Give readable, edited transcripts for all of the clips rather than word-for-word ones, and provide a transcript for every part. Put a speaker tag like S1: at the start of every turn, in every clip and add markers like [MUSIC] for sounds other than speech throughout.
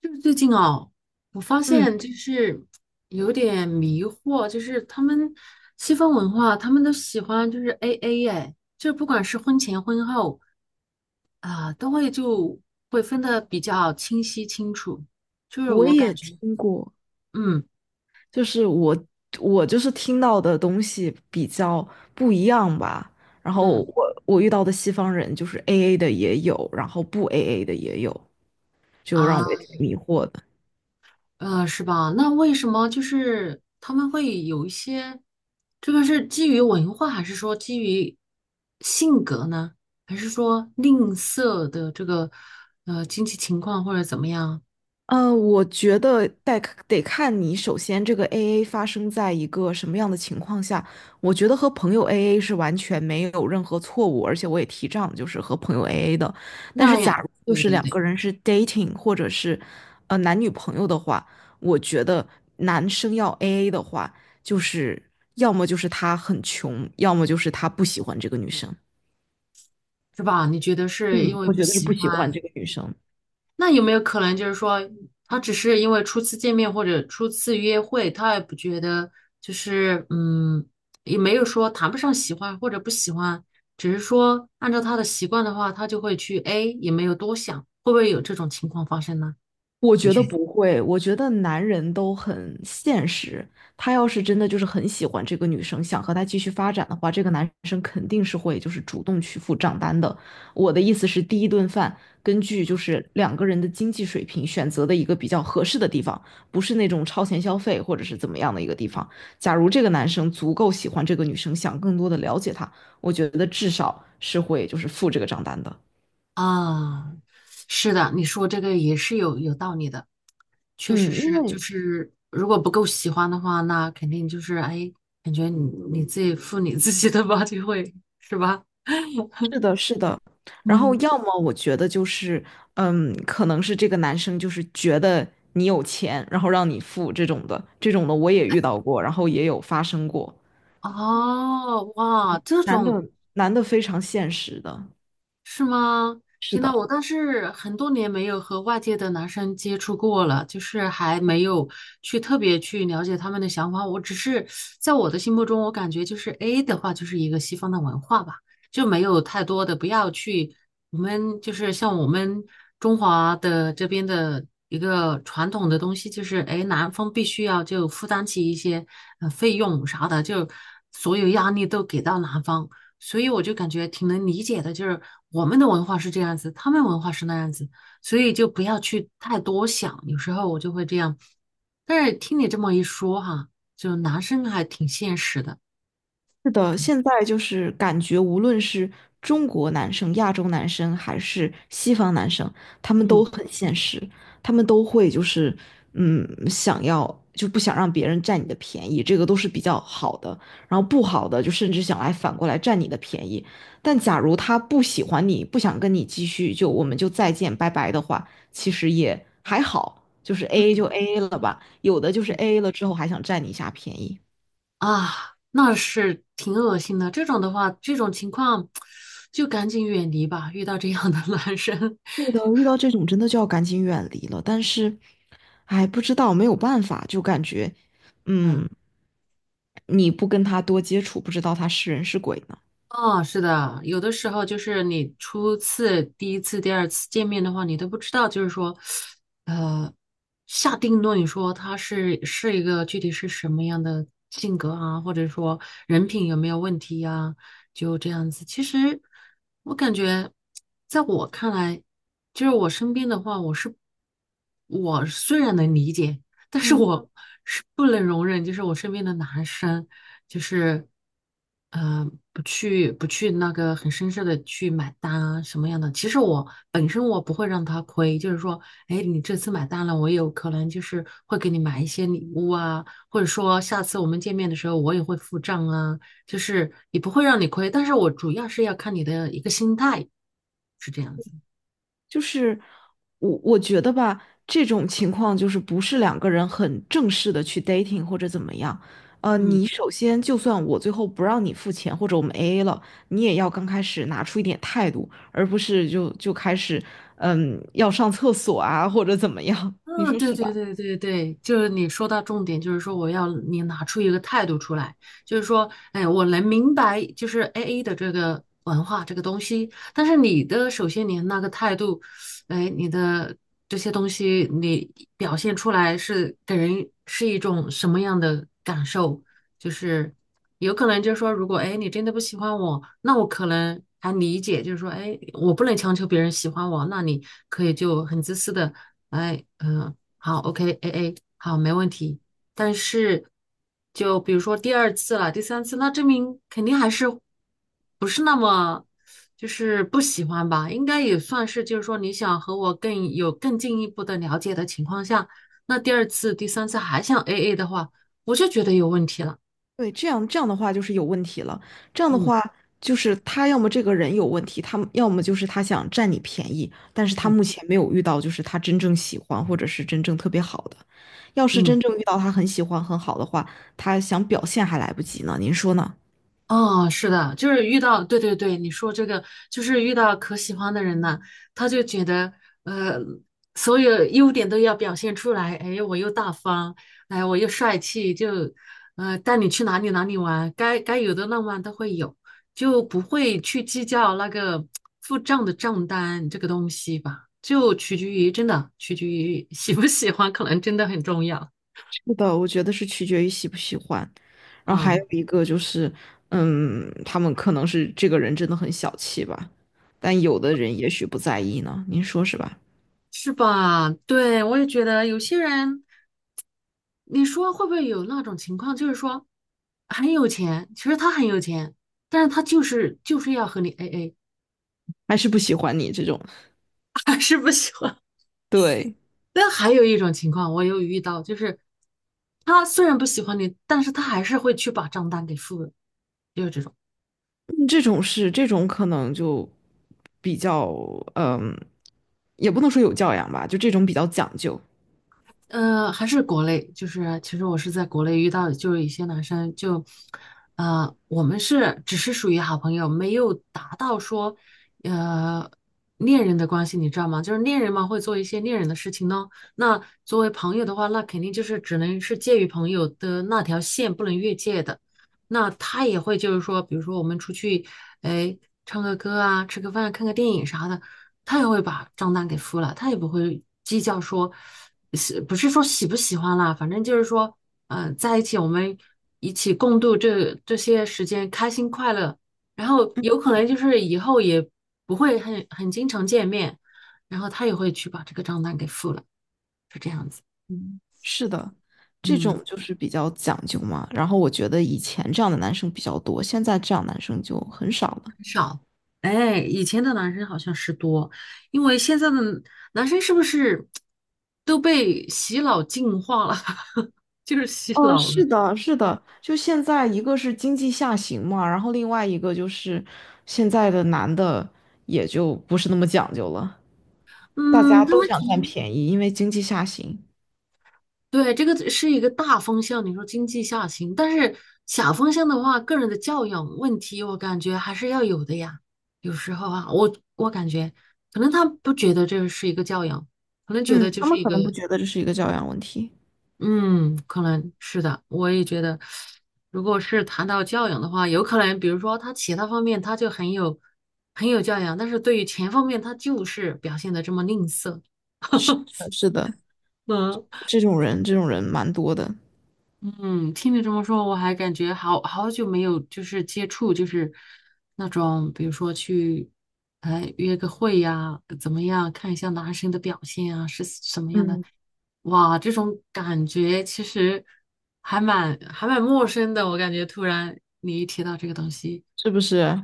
S1: 就是最近哦，我发
S2: 嗯，
S1: 现就是有点迷惑，就是他们西方文化，他们都喜欢就是 AA 哎，就不管是婚前婚后啊、都会就会分得比较清晰清楚。就是
S2: 我
S1: 我感
S2: 也
S1: 觉，
S2: 听过，
S1: 嗯
S2: 就是我就是听到的东西比较不一样吧。然后
S1: 嗯
S2: 我遇到的西方人就是 AA 的也有，然后不 AA 的也有，就让
S1: 啊。
S2: 我也挺迷惑的。
S1: 是吧？那为什么就是他们会有一些，这个是基于文化，还是说基于性格呢？还是说吝啬的这个经济情况或者怎么样？
S2: 我觉得得看你首先这个 AA 发生在一个什么样的情况下。我觉得和朋友 AA 是完全没有任何错误，而且我也提倡就是和朋友 AA 的。但是
S1: 那
S2: 假
S1: 样，
S2: 如就
S1: 对
S2: 是
S1: 对
S2: 两
S1: 对，
S2: 个人是 dating 或者是男女朋友的话，我觉得男生要 AA 的话，就是要么就是他很穷，要么就是他不喜欢这个女生。
S1: 是吧？你觉得是因
S2: 嗯，
S1: 为
S2: 我
S1: 不
S2: 觉得是不
S1: 喜
S2: 喜欢
S1: 欢？
S2: 这个女生。
S1: 那有没有可能就是说，他只是因为初次见面或者初次约会，他也不觉得就是也没有说谈不上喜欢或者不喜欢，只是说按照他的习惯的话，他就会去 A，也没有多想，会不会有这种情况发生呢？
S2: 我
S1: 你
S2: 觉
S1: 觉
S2: 得
S1: 得？
S2: 不会，我觉得男人都很现实。他要是真的就是很喜欢这个女生，想和她继续发展的话，这个男生肯定是会就是主动去付账单的。我的意思是，第一顿饭根据就是两个人的经济水平选择的一个比较合适的地方，不是那种超前消费或者是怎么样的一个地方。假如这个男生足够喜欢这个女生，想更多的了解她，我觉得至少是会就是付这个账单的。
S1: 啊，是的，你说这个也是有道理的，确实
S2: 嗯，因
S1: 是，就
S2: 为
S1: 是如果不够喜欢的话，那肯定就是哎，感觉你自己负你自己的吧，就会是吧？
S2: 是的，是的。然后
S1: 嗯。
S2: 要么我觉得就是，可能是这个男生就是觉得你有钱，然后让你付这种的，这种的我也遇到过，然后也有发生过。
S1: 哦，哇，
S2: 嗯，
S1: 这
S2: 男的
S1: 种
S2: 男的非常现实的，
S1: 是吗？
S2: 是
S1: 天呐，
S2: 的。
S1: 我倒是很多年没有和外界的男生接触过了，就是还没有去特别去了解他们的想法。我只是在我的心目中，我感觉就是 A 的话，就是一个西方的文化吧，就没有太多的不要去我们就是像我们中华的这边的一个传统的东西，就是哎，男方必须要就负担起一些费用啥的，就所有压力都给到男方。所以我就感觉挺能理解的，就是我们的文化是这样子，他们文化是那样子，所以就不要去太多想。有时候我就会这样，但是听你这么一说哈，就男生还挺现实的，
S2: 是的，现在就是感觉，无论是中国男生、亚洲男生，还是西方男生，他们
S1: 嗯
S2: 都很现实，他们都会就是，想要就不想让别人占你的便宜，这个都是比较好的。然后不好的，就甚至想来反过来占你的便宜。但假如他不喜欢你，不想跟你继续，就我们就再见，拜拜的话，其实也还好，就是 AA 就 AA 了吧。有的就是
S1: 嗯
S2: AA 了之后还想占你一下便宜。
S1: 啊，那是挺恶心的。这种的话，这种情况 [TSK] 就赶紧远离吧，遇到这样的 [LAUGHS] 男生，
S2: 对的，遇到这种真的就要赶紧远离了。但是，哎，不知道，没有办法，就感觉，
S1: [LAUGHS] 嗯。
S2: 嗯，你不跟他多接触，不知道他是人是鬼呢。
S1: 哦，是的，有的时候就是你初次、第一次、第二次见面的话，你都不知道，就是说，呃，下定论说他是一个具体是什么样的性格啊，或者说人品有没有问题呀、就这样子。其实我感觉，在我看来，就是我身边的话，我虽然能理解，但是我是不能容忍，就是我身边的男生。就是，不去那个很绅士的去买单啊，什么样的？其实我本身我不会让他亏，就是说，哎，你这次买单了，我有可能就是会给你买一些礼物啊，或者说下次我们见面的时候我也会付账啊，就是也不会让你亏，但是我主要是要看你的一个心态，是这样子。
S2: 就是我觉得吧，这种情况就是不是两个人很正式的去 dating 或者怎么样。
S1: 嗯。
S2: 你首先就算我最后不让你付钱，或者我们 AA 了，你也要刚开始拿出一点态度，而不是就开始，要上厕所啊，或者怎么样，[LAUGHS] 你
S1: 嗯，
S2: 说
S1: 对
S2: 是
S1: 对
S2: 吧？
S1: 对对对，就是你说到重点，就是说我要你拿出一个态度出来，就是说，哎，我能明白，就是 AA 的这个文化这个东西，但是首先你那个态度，哎，你的这些东西你表现出来是给人是一种什么样的感受？就是。有可能就是说，如果哎你真的不喜欢我，那我可能还理解，就是说，哎，我不能强求别人喜欢我，那你可以就很自私的，哎，嗯、好，OK，A A，好，没问题。但是，就比如说第二次了，第三次，那证明肯定还是不是那么就是不喜欢吧？应该也算是，就是说你想和我更进一步的了解的情况下，那第二次、第三次还想 A A 的话，我就觉得有问题了。
S2: 对，这样的话就是有问题了。这样的
S1: 嗯。
S2: 话就是他要么这个人有问题，他们要么就是他想占你便宜，但是他
S1: 嗯
S2: 目前没有遇到就是他真正喜欢或者是真正特别好的。要是
S1: 嗯，
S2: 真正遇到他很喜欢很好的话，他想表现还来不及呢。您说呢？
S1: 哦，是的，就是遇到，对对对，你说这个就是遇到可喜欢的人呢，他就觉得呃，所有优点都要表现出来，哎，我又大方，哎，我又帅气，就带你去哪里哪里玩，该有的浪漫都会有，就不会去计较那个付账的账单这个东西吧，就取决于真的取决于喜不喜欢，可能真的很重要。
S2: 是的，我觉得是取决于喜不喜欢。然后还
S1: 嗯，
S2: 有一个就是，他们可能是这个人真的很小气吧，但有的人也许不在意呢。您说是吧？
S1: 是吧？对，我也觉得有些人。你说会不会有那种情况，就是说很有钱，其实他很有钱，但是他就是要和你 AA，
S2: 还是不喜欢你这种？
S1: [LAUGHS] 还是不喜欢。
S2: 对。
S1: 但还有一种情况，我有遇到，就是他虽然不喜欢你，但是他还是会去把账单给付了。
S2: 嗯这种是这种可能就比较嗯，也不能说有教养吧，就这种比较讲究。
S1: 还是国内，就是其实我是在国内遇到，就是一些男生就，我们只是属于好朋友，没有达到说，呃，恋人的关系，你知道吗？就是恋人嘛，会做一些恋人的事情呢。那作为朋友的话，那肯定就是只能是介于朋友的那条线，不能越界的。那他也会就是说，比如说我们出去，哎，唱个歌啊，吃个饭，看个电影啥的，他也会把账单给付了，他也不会计较说。不是说喜不喜欢啦，反正就是说，在一起我们一起共度这些时间，开心快乐。然后
S2: 嗯
S1: 有可能就是以后也不会很经常见面，然后他也会去把这个账单给付了，是这样子。
S2: 嗯，是的，这
S1: 嗯，
S2: 种就是比较讲究嘛。然后我觉得以前这样的男生比较多，现在这样男生就很少了。
S1: 哎，以前的男生好像是多，因为现在的男生是不是都被洗脑净化了，[LAUGHS] 就是洗
S2: 嗯，
S1: 脑了。
S2: 是的，是的，就现在一个是经济下行嘛，然后另外一个就是现在的男的也就不是那么讲究了，大家
S1: 嗯，
S2: 都想占便宜，因为经济下行。
S1: 对，这个是一个大方向，你说经济下行，但是小方向的话，个人的教养问题，我感觉还是要有的呀。有时候啊，我感觉可能他不觉得这是一个教养，可能觉
S2: 嗯，
S1: 得就
S2: 他
S1: 是
S2: 们
S1: 一
S2: 可
S1: 个，
S2: 能不觉得这是一个教养问题。
S1: 嗯，可能是的。我也觉得，如果是谈到教养的话，有可能，比如说他其他方面他就很有教养，但是对于钱方面他就是表现的这么吝啬。
S2: 是的，
S1: 嗯
S2: 这种人，这种人蛮多的，
S1: 嗯，听你这么说，我还感觉好久没有就是接触，就是那种比如说去，哎约个会呀，怎么样，看一下男生的表现啊，是什么样的？
S2: 嗯，
S1: 哇，这种感觉其实还蛮陌生的，我感觉突然你一提到这个东西。
S2: 是不是？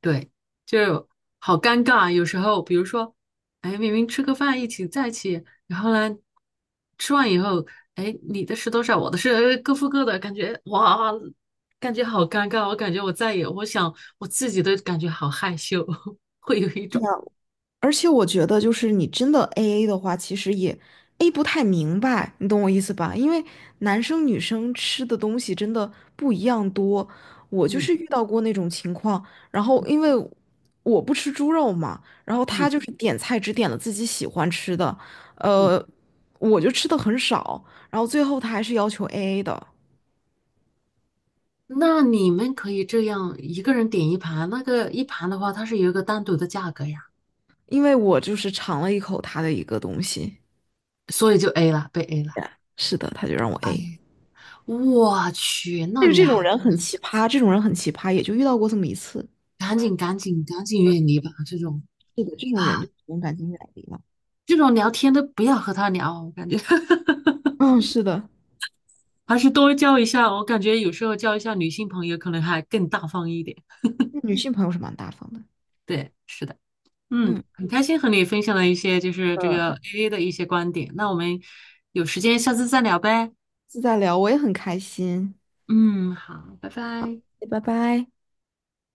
S1: 对，就好尴尬啊。有时候，比如说，哎，明明吃个饭在一起，然后呢，吃完以后，哎，你的是多少，我的是各付各的，感觉哇，感觉好尴尬。我感觉我再也，我想我自己都感觉好害羞，[LAUGHS] 会有一
S2: 是
S1: 种，
S2: 啊，而且我觉得，就是你真的 AA 的话，其实也 A 不太明白，你懂我意思吧？因为男生女生吃的东西真的不一样多。我就
S1: 嗯
S2: 是遇到过那种情况，然后因为我不吃猪肉嘛，然后
S1: 嗯
S2: 他就是点菜只点了自己喜欢吃的，
S1: 嗯。
S2: 呃，我就吃的很少，然后最后他还是要求 AA 的，
S1: 那你们可以这样一个人点一盘，那个一盘的话，它是有一个单独的价格呀，
S2: 因为我就是尝了一口他的一个东西。
S1: 所以就 A 了，被 A 了。
S2: 是的，他就让我
S1: 哎
S2: A。
S1: 呀，我去，那
S2: 但是
S1: 你
S2: 这
S1: 还
S2: 种人
S1: 真的。
S2: 很奇葩，这种人很奇葩，也就遇到过这么一次。
S1: 赶紧赶紧赶紧远离吧！这种
S2: 是的，这种人就
S1: 啊，
S2: 只能赶紧远离了。
S1: 这种聊天都不要和他聊，我感觉 [LAUGHS]
S2: 嗯，是的，
S1: 还是多交一下。我感觉有时候交一下女性朋友可能还更大方一点。
S2: 女性朋友是蛮大方的。
S1: 对，是的，
S2: 嗯。
S1: 嗯，很开心和你分享了一些就是这个
S2: 下
S1: AA 的一些观点。那我们有时间下次再聊呗。
S2: 次再聊，我也很开心。
S1: 嗯，好，拜拜。
S2: 拜拜。